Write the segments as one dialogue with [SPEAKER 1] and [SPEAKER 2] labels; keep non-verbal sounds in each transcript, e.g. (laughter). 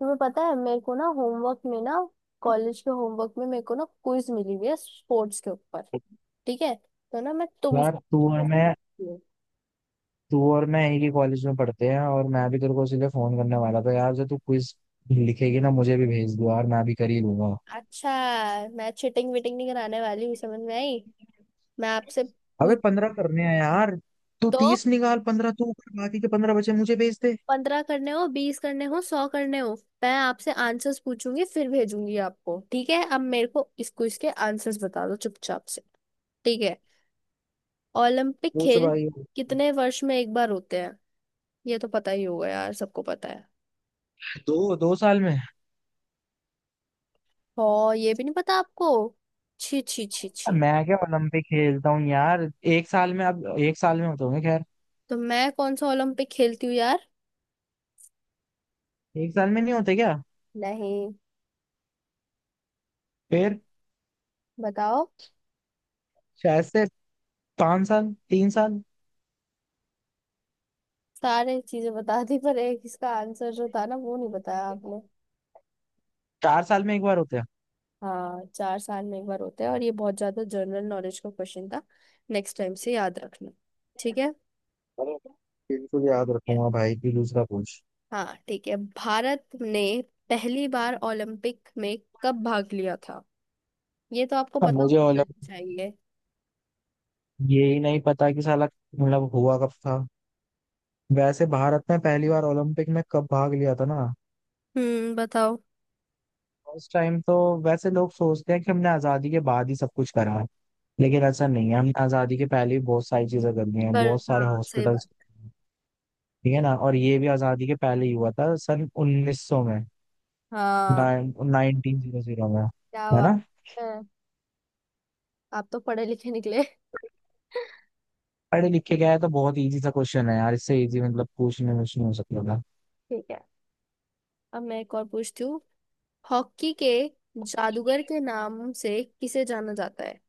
[SPEAKER 1] तुम्हें पता है मेरे को ना होमवर्क में ना कॉलेज के होमवर्क में मेरे को ना क्विज मिली हुई है स्पोर्ट्स के ऊपर। ठीक है। तो ना मैं तुमसे
[SPEAKER 2] यार तू और
[SPEAKER 1] quiz
[SPEAKER 2] मैं
[SPEAKER 1] पूछती हूँ।
[SPEAKER 2] तू और मैं एक ही कॉलेज में पढ़ते हैं और मैं भी तेरे को इसीलिए फोन करने वाला था यार। जब तू क्विज लिखेगी ना, मुझे भी भेज दो यार, मैं भी कर ही लूंगा।
[SPEAKER 1] अच्छा। मैं चिटिंग विटिंग नहीं कराने वाली हूँ, समझ में आई। मैं आपसे
[SPEAKER 2] अबे
[SPEAKER 1] पूछ।
[SPEAKER 2] 15 करने हैं यार। तू
[SPEAKER 1] तो
[SPEAKER 2] 30 निकाल, 15 तू कर, बाकी के 15 बचे मुझे भेज दे।
[SPEAKER 1] 15 करने हो, 20 करने हो, 100 करने हो। मैं आपसे आंसर्स पूछूंगी फिर भेजूंगी आपको। ठीक है, अब मेरे को इस क्विज के आंसर्स बता दो चुपचाप से। ठीक है। ओलंपिक
[SPEAKER 2] पूछ
[SPEAKER 1] खेल
[SPEAKER 2] भाई।
[SPEAKER 1] कितने वर्ष में एक बार होते हैं? ये तो पता ही होगा यार, सबको पता है।
[SPEAKER 2] दो दो साल में।
[SPEAKER 1] और ये भी नहीं पता आपको? छी छी छी छी।
[SPEAKER 2] मैं क्या ओलंपिक खेलता हूँ यार। एक साल में, अब एक साल में होते होंगे खैर।
[SPEAKER 1] तो मैं कौन सा ओलंपिक खेलती हूँ यार?
[SPEAKER 2] एक साल में नहीं होते क्या।
[SPEAKER 1] नहीं।
[SPEAKER 2] फिर।
[SPEAKER 1] बताओ।
[SPEAKER 2] शायद से 5 साल, 3 साल।
[SPEAKER 1] सारे चीजें बता दी पर एक इसका आंसर जो था ना वो नहीं बताया आपने।
[SPEAKER 2] 4 साल में एक बार होते हैं।
[SPEAKER 1] हाँ, 4 साल में एक बार होता है और ये बहुत ज्यादा जनरल नॉलेज का क्वेश्चन था। नेक्स्ट टाइम से याद रखना। ठीक है।
[SPEAKER 2] अरे, बिल्कुल याद
[SPEAKER 1] Yeah।
[SPEAKER 2] रखूंगा भाई, तू दूसरा पूछ।
[SPEAKER 1] हाँ ठीक है। भारत ने पहली बार ओलंपिक में कब भाग लिया था? ये तो आपको
[SPEAKER 2] हाँ,
[SPEAKER 1] पता
[SPEAKER 2] मुझे
[SPEAKER 1] होना
[SPEAKER 2] ओलंपिक
[SPEAKER 1] चाहिए।
[SPEAKER 2] ये ही नहीं पता कि साला मतलब हुआ कब था। वैसे भारत ने पहली बार ओलंपिक में कब भाग लिया था ना।
[SPEAKER 1] हम्म, बताओ।
[SPEAKER 2] उस टाइम तो वैसे लोग सोचते हैं कि हमने आजादी के बाद ही सब कुछ करा है, लेकिन ऐसा नहीं है। हमने आजादी के पहले ही बहुत सारी चीजें कर दी हैं,
[SPEAKER 1] पर
[SPEAKER 2] बहुत सारे
[SPEAKER 1] हाँ सही
[SPEAKER 2] हॉस्पिटल्स।
[SPEAKER 1] बात।
[SPEAKER 2] ठीक है ना। और ये भी आजादी के पहले ही हुआ था, सन 1900 में।
[SPEAKER 1] हाँ।
[SPEAKER 2] नाइनटीन जीरो जीरो में।
[SPEAKER 1] क्या
[SPEAKER 2] है
[SPEAKER 1] बात
[SPEAKER 2] ना।
[SPEAKER 1] है। आप तो पढ़े लिखे निकले।
[SPEAKER 2] पढ़े लिखे गया है तो, बहुत इजी सा क्वेश्चन है यार, इससे इजी मतलब पूछने में नहीं हो सकता था।
[SPEAKER 1] ठीक है। अब मैं एक और पूछती हूँ। हॉकी के जादूगर के नाम से किसे जाना जाता है?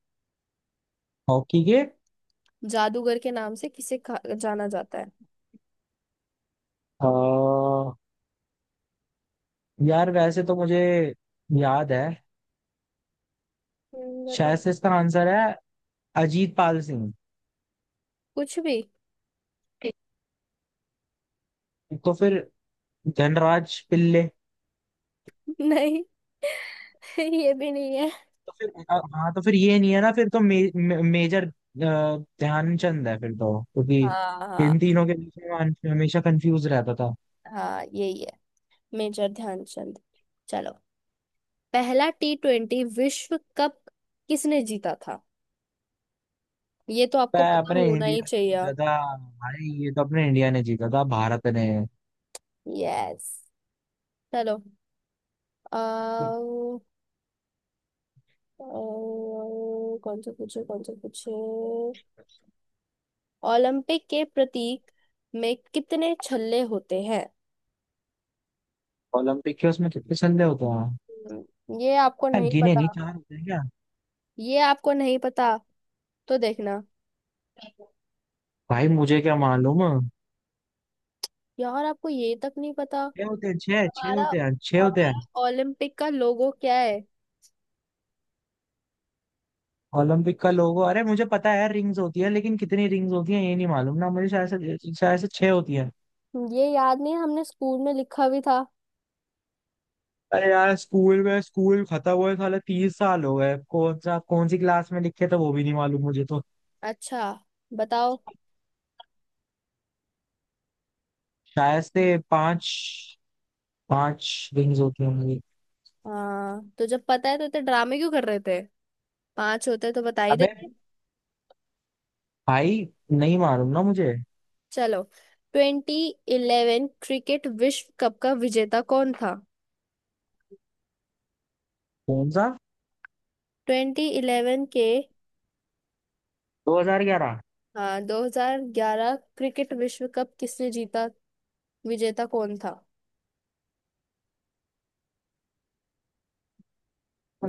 [SPEAKER 2] हॉकी के
[SPEAKER 1] जादूगर के नाम से किसे जाना जाता है?
[SPEAKER 2] आ, यार वैसे तो मुझे याद है।
[SPEAKER 1] बताओ।
[SPEAKER 2] शायद से इसका आंसर है अजीत पाल सिंह।
[SPEAKER 1] कुछ भी।
[SPEAKER 2] तो फिर धनराज पिल्ले।
[SPEAKER 1] (laughs) नहीं। (laughs) ये भी नहीं है।
[SPEAKER 2] तो फिर हाँ, तो फिर ये नहीं है ना। फिर तो मे, मे, मेजर ध्यानचंद है फिर तो, क्योंकि
[SPEAKER 1] हाँ
[SPEAKER 2] इन
[SPEAKER 1] हाँ
[SPEAKER 2] तीनों के बीच में मैं हमेशा कंफ्यूज रहता था।
[SPEAKER 1] हाँ, यही है। मेजर ध्यानचंद। चलो। पहला T20 विश्व कप किसने जीता था? ये तो आपको
[SPEAKER 2] मैं,
[SPEAKER 1] पता
[SPEAKER 2] अपने
[SPEAKER 1] होना
[SPEAKER 2] इंडिया
[SPEAKER 1] ही
[SPEAKER 2] ने
[SPEAKER 1] चाहिए।
[SPEAKER 2] जीता था। भाई ये तो अपने इंडिया ने जीता था, भारत ने।
[SPEAKER 1] यस। चलो। और कौन सा पूछे कौन सा पूछे। ओलंपिक के प्रतीक में कितने छल्ले होते हैं?
[SPEAKER 2] ओलंपिक के, उसमें कितने संदेह होते हैं।
[SPEAKER 1] ये आपको
[SPEAKER 2] यार,
[SPEAKER 1] नहीं
[SPEAKER 2] गिने
[SPEAKER 1] पता?
[SPEAKER 2] नहीं, चार होते हैं क्या।
[SPEAKER 1] ये आपको नहीं पता, तो देखना।
[SPEAKER 2] भाई मुझे क्या मालूम।
[SPEAKER 1] यार आपको ये तक नहीं पता।
[SPEAKER 2] छह होते हैं, छह छह
[SPEAKER 1] हमारा
[SPEAKER 2] होते हैं, छह होते हैं।
[SPEAKER 1] हमारा ओलंपिक का लोगो क्या है?
[SPEAKER 2] ओलंपिक का लोगो, अरे मुझे पता है रिंग्स होती है, लेकिन कितनी रिंग्स होती है ये नहीं मालूम ना मुझे। शायद से छह होती है।
[SPEAKER 1] ये याद नहीं है, हमने स्कूल में लिखा भी था।
[SPEAKER 2] अरे यार, स्कूल में, स्कूल खत्म हुए साले 30 साल हो गए। कौन सी क्लास में लिखे थे वो भी नहीं मालूम मुझे तो।
[SPEAKER 1] अच्छा। बताओ।
[SPEAKER 2] शायद से पांच, पांच रिंग्स होती है मुझे।
[SPEAKER 1] हाँ तो जब पता है तो इतने ड्रामे क्यों कर रहे थे? 5 होते तो बता ही
[SPEAKER 2] अबे
[SPEAKER 1] देते।
[SPEAKER 2] भाई नहीं मालूम ना मुझे।
[SPEAKER 1] चलो। 2011 क्रिकेट विश्व कप का विजेता कौन था?
[SPEAKER 2] कौन सा।
[SPEAKER 1] 2011 के?
[SPEAKER 2] 2011।
[SPEAKER 1] हाँ, 2011 क्रिकेट विश्व कप किसने जीता? विजेता कौन था?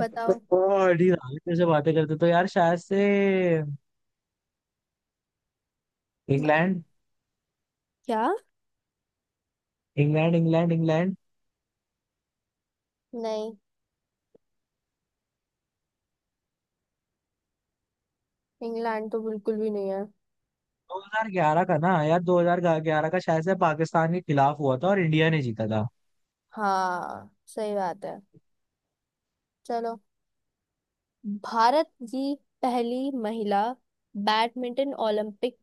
[SPEAKER 1] बताओ।
[SPEAKER 2] ओ, अड़ी, आगे से बातें करते तो यार, शायद से
[SPEAKER 1] ब-
[SPEAKER 2] इंग्लैंड।
[SPEAKER 1] क्या?
[SPEAKER 2] England England England.
[SPEAKER 1] नहीं। इंग्लैंड तो बिल्कुल भी नहीं है।
[SPEAKER 2] 2011 का ना यार, 2011 का शायद से पाकिस्तान के खिलाफ हुआ था और इंडिया ने जीता था।
[SPEAKER 1] हाँ सही बात है। चलो। भारत की पहली महिला बैडमिंटन ओलंपिक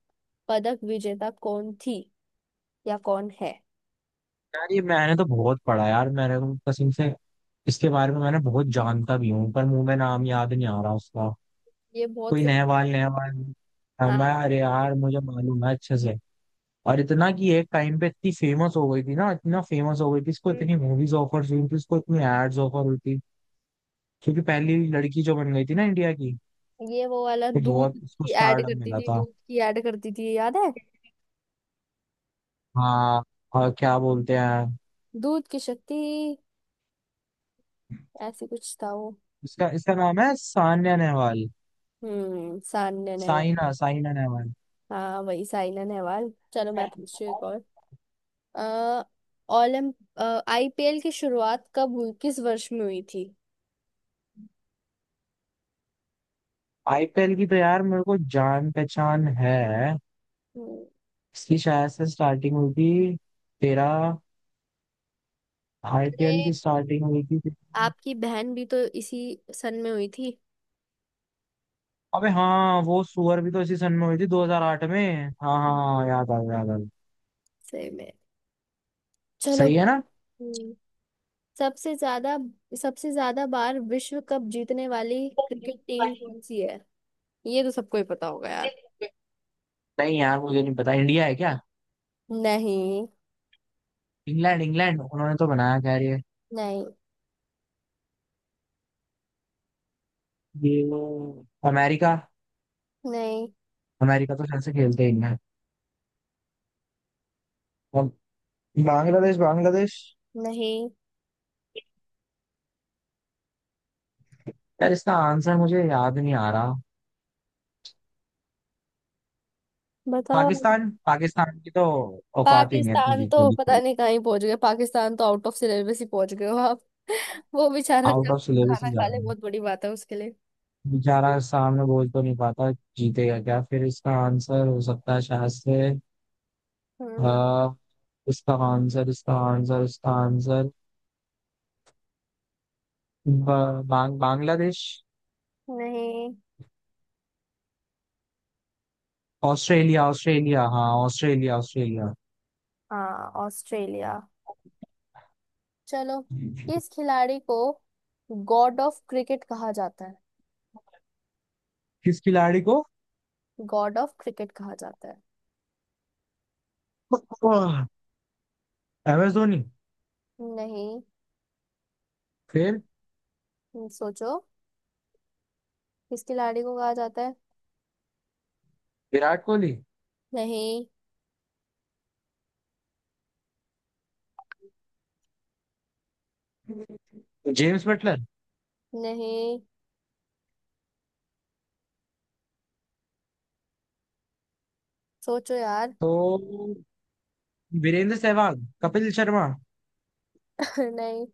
[SPEAKER 1] पदक विजेता कौन थी या कौन है?
[SPEAKER 2] यार ये मैंने तो बहुत पढ़ा यार, मैंने तो कसम से इसके बारे में मैंने बहुत जानता भी हूँ, पर मुंह में नाम याद नहीं आ रहा उसका।
[SPEAKER 1] ये बहुत
[SPEAKER 2] कोई
[SPEAKER 1] फेमस।
[SPEAKER 2] नहवाल नहवाल। हाँ, मैं,
[SPEAKER 1] हाँ।
[SPEAKER 2] अरे यार मुझे मालूम है अच्छे से। और इतना कि एक टाइम पे इतनी फेमस हो गई थी ना, इतना फेमस हो गई थी। इसको इतनी मूवीज ऑफर हुई थी, इसको इतनी एड्स ऑफर हुई थी, क्योंकि पहली लड़की जो बन गई थी ना इंडिया की।
[SPEAKER 1] ये वो वाला
[SPEAKER 2] तो
[SPEAKER 1] दूध
[SPEAKER 2] बहुत उसको
[SPEAKER 1] की ऐड
[SPEAKER 2] स्टारडम
[SPEAKER 1] करती
[SPEAKER 2] मिला
[SPEAKER 1] थी,
[SPEAKER 2] था।
[SPEAKER 1] दूध की ऐड करती थी, याद है?
[SPEAKER 2] हाँ। और क्या बोलते हैं,
[SPEAKER 1] दूध की शक्ति, ऐसे कुछ था वो।
[SPEAKER 2] इसका इसका नाम है सान्या नेहवाल।
[SPEAKER 1] हम्म, सान्या नेहवाल।
[SPEAKER 2] साइना साइना नेहवाल।
[SPEAKER 1] हाँ वही साइना नेहवाल। चलो मैं पूछती हूँ एक और। अः ओलंप IPL की शुरुआत कब हुई, किस वर्ष में हुई थी?
[SPEAKER 2] आईपीएल की तो यार मेरे को जान पहचान है।
[SPEAKER 1] हम्म।
[SPEAKER 2] इसकी शायद से स्टार्टिंग हुई थी, तेरा,
[SPEAKER 1] अरे
[SPEAKER 2] आईपीएल की स्टार्टिंग हुई थी, तेरी-
[SPEAKER 1] आपकी बहन भी तो इसी सन में हुई थी।
[SPEAKER 2] अबे हाँ, वो सुअर भी तो इसी सन में हुई थी, 2008 में। हाँ हाँ हाँ,
[SPEAKER 1] हम्म,
[SPEAKER 2] याद आ गया, याद आ गया।
[SPEAKER 1] सही में। चलो।
[SPEAKER 2] सही है ना।
[SPEAKER 1] हम्म, सबसे ज्यादा सबसे ज्यादा बार विश्व कप जीतने वाली क्रिकेट टीम कौन सी है? ये तो सबको ही पता होगा यार।
[SPEAKER 2] नहीं यार मुझे नहीं पता, इंडिया है क्या।
[SPEAKER 1] नहीं।
[SPEAKER 2] इंग्लैंड इंग्लैंड, उन्होंने तो बनाया खैर। ये
[SPEAKER 1] नहीं।
[SPEAKER 2] ये अमेरिका।
[SPEAKER 1] नहीं।
[SPEAKER 2] अमेरिका तो शायद से खेलते ही हैं। बांग्लादेश बांग्लादेश।
[SPEAKER 1] नहीं।
[SPEAKER 2] यार इसका आंसर मुझे याद नहीं आ रहा।
[SPEAKER 1] बताओ आप।
[SPEAKER 2] पाकिस्तान, पाकिस्तान की तो औकात ही नहीं है इतनी
[SPEAKER 1] पाकिस्तान
[SPEAKER 2] जीतने
[SPEAKER 1] तो पता
[SPEAKER 2] की।
[SPEAKER 1] नहीं कहाँ ही पहुंच गए, पाकिस्तान तो आउट ऑफ सिलेबस ही पहुंच गए हो आप। (laughs) वो बेचारा
[SPEAKER 2] आउट
[SPEAKER 1] क्या।
[SPEAKER 2] ऑफ सिलेबस
[SPEAKER 1] खाना
[SPEAKER 2] ही जा
[SPEAKER 1] खा
[SPEAKER 2] रहा
[SPEAKER 1] ले,
[SPEAKER 2] है
[SPEAKER 1] बहुत बड़ी बात है उसके लिए।
[SPEAKER 2] बेचारा, सामने बोल तो नहीं पाता। जीतेगा क्या फिर। इसका आंसर हो सकता है शायद से।
[SPEAKER 1] हम्म।
[SPEAKER 2] अह, इसका आंसर, बांग्लादेश।
[SPEAKER 1] नहीं।
[SPEAKER 2] ऑस्ट्रेलिया ऑस्ट्रेलिया, हाँ ऑस्ट्रेलिया ऑस्ट्रेलिया।
[SPEAKER 1] हाँ ऑस्ट्रेलिया। चलो। किस खिलाड़ी को गॉड ऑफ क्रिकेट कहा जाता है?
[SPEAKER 2] किस खिलाड़ी को,
[SPEAKER 1] गॉड ऑफ क्रिकेट कहा जाता है?
[SPEAKER 2] M S Dhoni.
[SPEAKER 1] नहीं।
[SPEAKER 2] फिर,
[SPEAKER 1] सोचो। किस खिलाड़ी को कहा जाता है?
[SPEAKER 2] विराट कोहली।
[SPEAKER 1] नहीं।
[SPEAKER 2] जेम्स बटलर,
[SPEAKER 1] नहीं। सोचो यार।
[SPEAKER 2] तो, वीरेंद्र सहवाग, कपिल शर्मा,
[SPEAKER 1] (laughs) नहीं।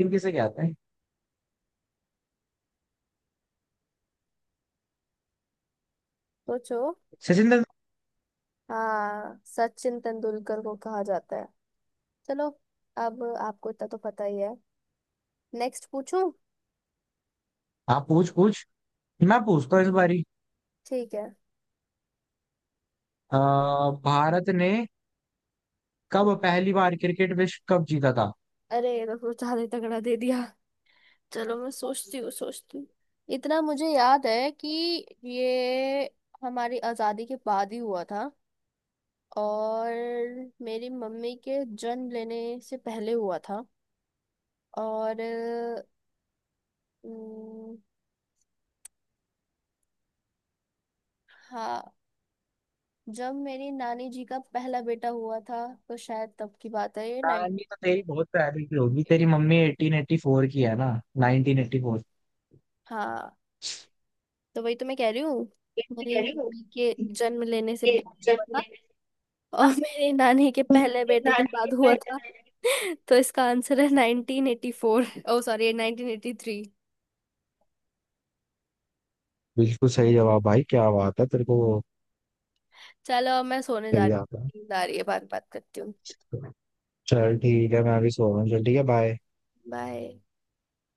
[SPEAKER 2] इन किसे कहते हैं।
[SPEAKER 1] सोचो।
[SPEAKER 2] सचिन तेंदुलकर।
[SPEAKER 1] हाँ सचिन तेंदुलकर को कहा जाता है। चलो। अब आपको इतना तो पता ही है। नेक्स्ट पूछूं?
[SPEAKER 2] आप पूछ पूछ, मैं पूछता हूँ इस बारी।
[SPEAKER 1] ठीक है।
[SPEAKER 2] अ, भारत ने कब पहली बार क्रिकेट विश्व कप जीता था।
[SPEAKER 1] अरे ये तो ज्यादा ही तगड़ा दे दिया। चलो मैं सोचती हूँ सोचती हूँ। इतना मुझे याद है कि ये हमारी आजादी के बाद ही हुआ था और मेरी मम्मी के जन्म लेने से पहले हुआ था। और उम, हाँ, जब मेरी नानी जी का पहला बेटा हुआ था तो शायद तब की बात है ये 98।
[SPEAKER 2] कहानी तो तेरी बहुत पहले की होगी, तेरी मम्मी 1884 की है ना। 1984।
[SPEAKER 1] हाँ। तो वही तो मैं कह रही हूँ। मेरी मम्मी के जन्म लेने से पहले हुआ था और (laughs) मेरी नानी के पहले बेटे के बाद हुआ था। (laughs) तो इसका आंसर है 1984, ओ सॉरी 1983।
[SPEAKER 2] बिल्कुल सही जवाब, भाई क्या बात है तेरे को।
[SPEAKER 1] चलो अब मैं सोने जा
[SPEAKER 2] सही
[SPEAKER 1] रही
[SPEAKER 2] आता है।
[SPEAKER 1] हूँ, नींद आ रही है, बात बात करती हूँ।
[SPEAKER 2] चल ठीक है, मैं अभी सो रहा हूँ। चल ठीक है, बाय।
[SPEAKER 1] बाय।